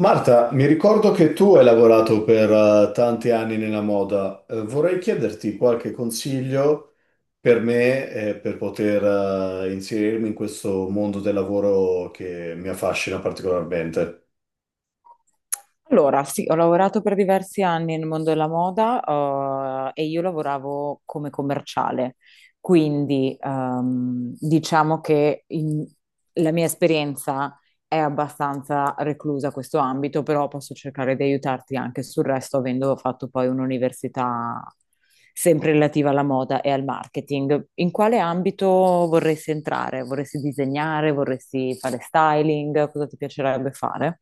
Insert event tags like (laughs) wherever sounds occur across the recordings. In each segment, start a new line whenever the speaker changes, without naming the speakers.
Marta, mi ricordo che tu hai lavorato per tanti anni nella moda. Vorrei chiederti qualche consiglio per me, per poter, inserirmi in questo mondo del lavoro che mi affascina particolarmente.
Allora, sì, ho lavorato per diversi anni nel mondo della moda, e io lavoravo come commerciale, quindi diciamo che la mia esperienza è abbastanza reclusa a questo ambito, però posso cercare di aiutarti anche sul resto, avendo fatto poi un'università sempre relativa alla moda e al marketing. In quale ambito vorresti entrare? Vorresti disegnare? Vorresti fare styling? Cosa ti piacerebbe fare?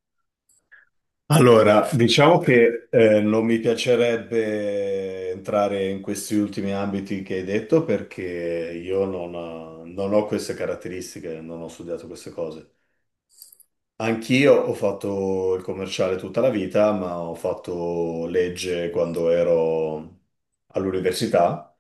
Allora, diciamo che non mi piacerebbe entrare in questi ultimi ambiti che hai detto perché io non ho queste caratteristiche, non ho studiato queste cose. Anch'io ho fatto il commerciale tutta la vita, ma ho fatto legge quando ero all'università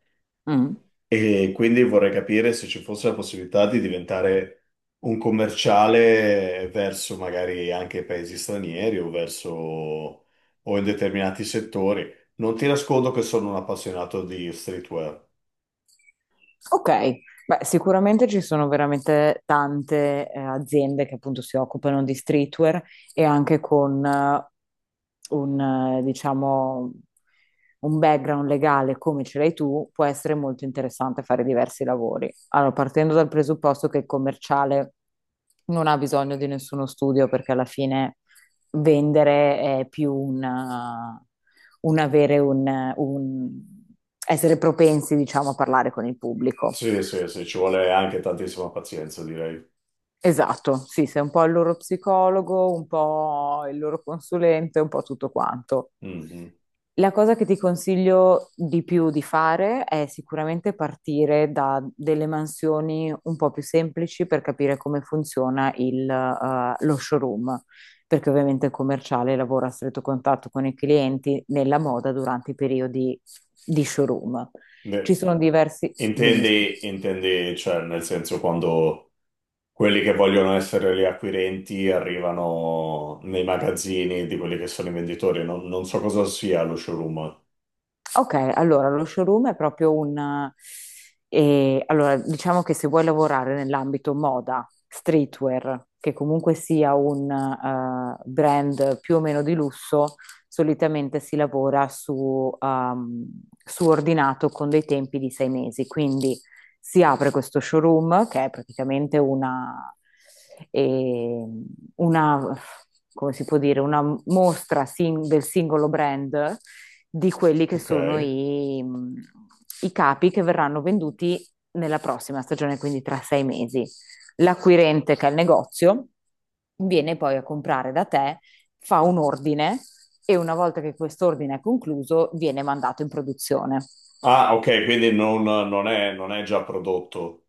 Mm.
e quindi vorrei capire se ci fosse la possibilità di diventare un commerciale verso magari anche paesi stranieri o verso o in determinati settori. Non ti nascondo che sono un appassionato di streetwear.
Ok, beh, sicuramente ci sono veramente tante aziende che appunto si occupano di streetwear e anche con diciamo, un background legale come ce l'hai tu, può essere molto interessante fare diversi lavori. Allora, partendo dal presupposto che il commerciale non ha bisogno di nessuno studio perché alla fine vendere è più un avere un essere propensi, diciamo, a parlare con il pubblico.
Sì, sì, sì, ci vuole anche tantissima pazienza, direi.
Esatto, sì, sei un po' il loro psicologo, un po' il loro consulente, un po' tutto quanto.
Mhm.
La cosa che ti consiglio di più di fare è sicuramente partire da delle mansioni un po' più semplici per capire come funziona lo showroom, perché ovviamente il commerciale lavora a stretto contatto con i clienti nella moda durante i periodi di showroom. Ci
Beh,
sono diversi... Dimmi, scusa.
intendi, intendi, cioè, nel senso quando quelli che vogliono essere gli acquirenti arrivano nei magazzini di quelli che sono i venditori, non so cosa sia lo showroom.
Ok, allora lo showroom è proprio un... allora, diciamo che se vuoi lavorare nell'ambito moda, streetwear, che comunque sia un brand più o meno di lusso, solitamente si lavora su ordinato con dei tempi di 6 mesi. Quindi si apre questo showroom che è praticamente eh, una, come si può dire, una mostra del singolo brand di quelli che
Ok.
sono i capi che verranno venduti nella prossima stagione, quindi tra 6 mesi. L'acquirente, che è il negozio, viene poi a comprare da te, fa un ordine e una volta che quest'ordine è concluso, viene mandato in produzione.
Ah, ok, quindi non è già prodotto,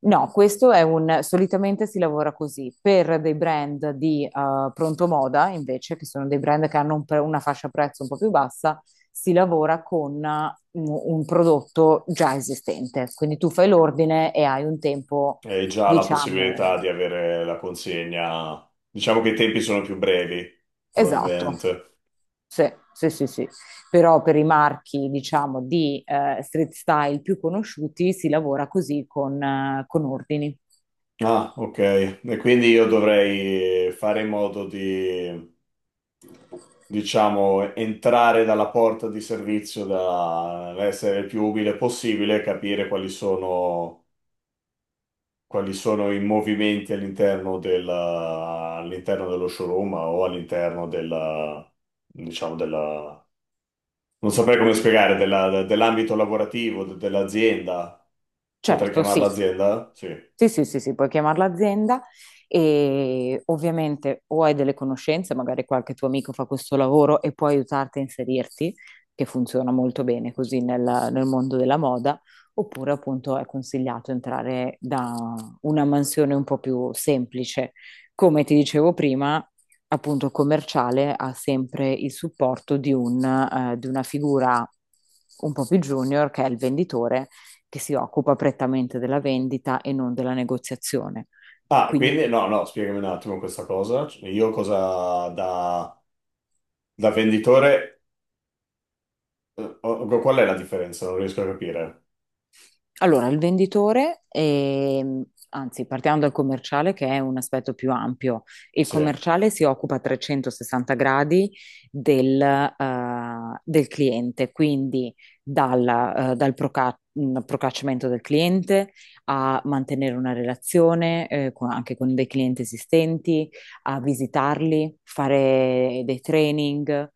No, solitamente si lavora così. Per dei brand di pronto moda, invece, che sono dei brand che hanno una fascia prezzo un po' più bassa, si lavora con un prodotto già esistente. Quindi tu fai l'ordine e hai un tempo,
hai già la possibilità
diciamo,
di avere la consegna. Diciamo che i tempi sono più brevi,
esatto.
probabilmente.
Sì, sì, sì, sì. Però per i marchi, diciamo, di street style più conosciuti si lavora così con ordini.
Ah, ok. E quindi io dovrei fare in modo di, diciamo, entrare dalla porta di servizio, da essere il più umile possibile, capire quali sono i movimenti all'interno dello showroom o all'interno della, diciamo, della, non saprei come spiegare, dell'ambito lavorativo, dell'azienda. Potrei
Certo, sì.
chiamarla azienda? Sì.
Sì, sì, sì, sì, puoi chiamare l'azienda e ovviamente o hai delle conoscenze, magari qualche tuo amico fa questo lavoro e può aiutarti a inserirti, che funziona molto bene così nel mondo della moda, oppure appunto è consigliato entrare da una mansione un po' più semplice. Come ti dicevo prima, appunto commerciale ha sempre il supporto di di una figura un po' più junior che è il venditore che si occupa prettamente della vendita e non della negoziazione.
Ah,
Quindi
quindi no, no, spiegami un attimo questa cosa. Io cosa da, da venditore, qual è la differenza? Non riesco a capire.
allora, il venditore, anzi, partiamo dal commerciale che è un aspetto più ampio. Il
Sì.
commerciale si occupa a 360 gradi del cliente, quindi dal procacciamento del cliente a mantenere una relazione, anche con dei clienti esistenti, a visitarli, fare dei training,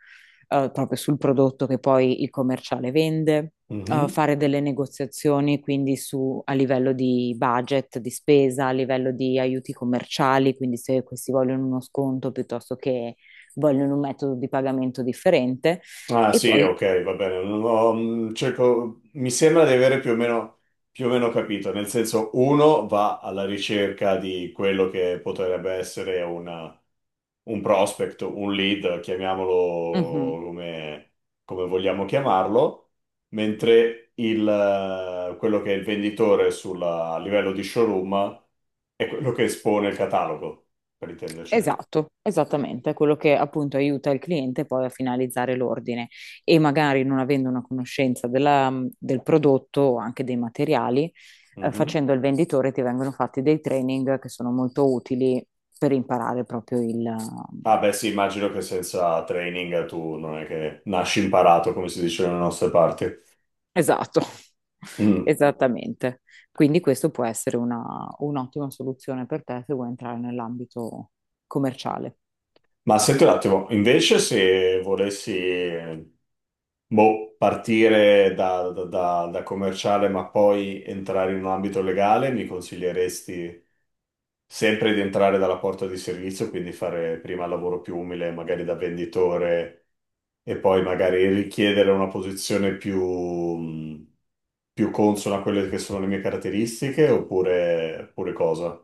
proprio sul prodotto che poi il commerciale vende
Mhm.
fare delle negoziazioni quindi su, a livello di budget, di spesa, a livello di aiuti commerciali, quindi se questi vogliono uno sconto piuttosto che vogliono un metodo di pagamento differente.
Ah,
E
sì,
poi,
ok, va bene. Non ho- cerco- mi sembra di avere più o meno capito. Nel senso, uno va alla ricerca di quello che potrebbe essere un prospect, un lead,
certo. Mhm.
chiamiamolo come, come vogliamo chiamarlo, mentre quello che è il venditore a livello di showroom è quello che espone il catalogo, per intenderci.
Esatto, esattamente, è quello che appunto aiuta il cliente poi a finalizzare l'ordine e magari non avendo una conoscenza del prodotto o anche dei materiali,
Mm-hmm.
facendo il venditore ti vengono fatti dei training che sono molto utili per imparare proprio il...
Ah, beh sì, immagino che senza training tu non è che nasci imparato, come si dice nelle nostre parti.
esatto, (laughs)
Mm.
esattamente. Quindi questo può essere un'ottima soluzione per te se vuoi entrare nell'ambito commerciale.
Ma senti un attimo, invece se volessi, boh, partire da commerciale ma poi entrare in un ambito legale, mi consiglieresti sempre di entrare dalla porta di servizio, quindi fare prima il lavoro più umile, magari da venditore, e poi magari richiedere una posizione più, più consono a quelle che sono le mie caratteristiche oppure, oppure cosa?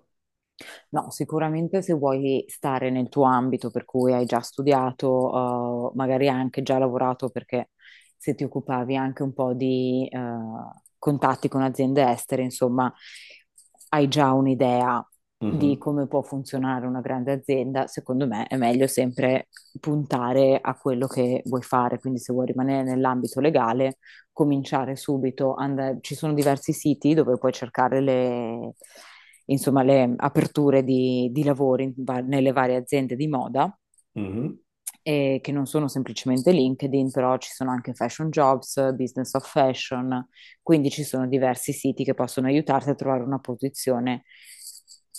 No, sicuramente se vuoi stare nel tuo ambito per cui hai già studiato, magari hai anche già lavorato, perché se ti occupavi anche un po' di contatti con aziende estere, insomma, hai già un'idea di
Mhm,
come può funzionare una grande azienda, secondo me è meglio sempre puntare a quello che vuoi fare. Quindi se vuoi rimanere nell'ambito legale, cominciare subito. Ci sono diversi siti dove puoi cercare insomma, le aperture di lavoro in nelle varie aziende di moda,
mhm.
che non sono semplicemente LinkedIn, però ci sono anche Fashion Jobs, Business of Fashion, quindi ci sono diversi siti che possono aiutarti a trovare una posizione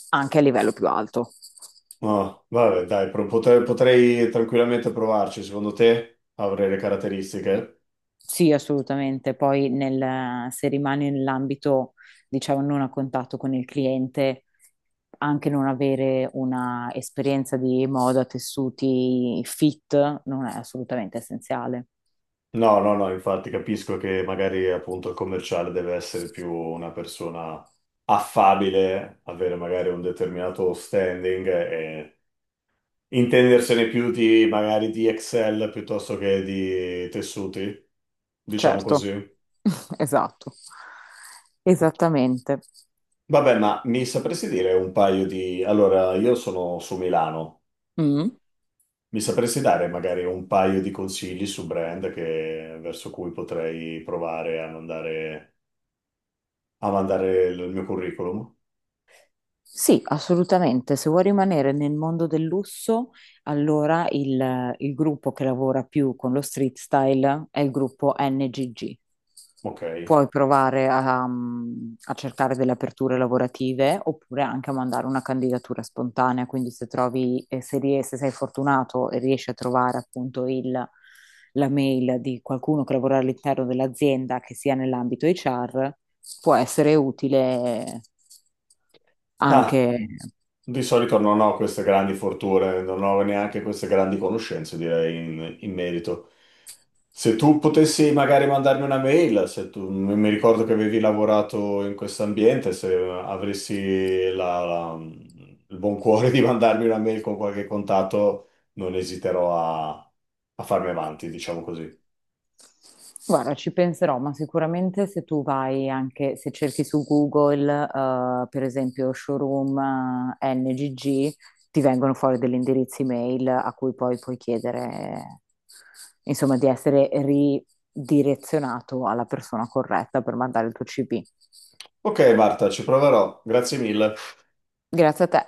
anche a livello più alto.
No, vabbè, dai, potrei, potrei tranquillamente provarci. Secondo te avrei le caratteristiche?
Sì, assolutamente. Poi se rimani nell'ambito, diciamo, non a contatto con il cliente, anche non avere una esperienza di moda, tessuti fit, non è assolutamente essenziale.
No, no, no, infatti capisco che magari appunto il commerciale deve essere più una persona affabile, avere magari un determinato standing e intendersene più di magari di Excel piuttosto che di tessuti, diciamo
Certo,
così.
(laughs) esatto, esattamente.
Vabbè, ma mi sapresti dire un paio di... Allora, io sono su Milano.
Mm.
Mi sapresti dare magari un paio di consigli su brand verso cui potrei provare a mandare il mio curriculum?
Sì, assolutamente. Se vuoi rimanere nel mondo del lusso, allora il gruppo che lavora più con lo street style è il gruppo NGG.
Ok.
Puoi provare a, mm, a cercare delle aperture lavorative oppure anche a mandare una candidatura spontanea. Quindi se trovi, se sei fortunato e riesci a trovare appunto la mail di qualcuno che lavora all'interno dell'azienda che sia nell'ambito HR, può essere utile
Ah,
anche.
di solito non ho queste grandi fortune, non ho neanche queste grandi conoscenze, direi, in, in merito. Se tu potessi magari mandarmi una mail, se tu, mi ricordo che avevi lavorato in questo ambiente, se avessi il buon cuore di mandarmi una mail con qualche contatto, non esiterò a, a farmi avanti, diciamo così.
Guarda, ci penserò, ma sicuramente se tu vai anche, se cerchi su Google, per esempio showroom NGG, ti vengono fuori degli indirizzi mail a cui poi puoi chiedere, insomma, di essere ridirezionato alla persona corretta per mandare il tuo CV.
Ok, Marta, ci proverò. Grazie mille.
Grazie a te.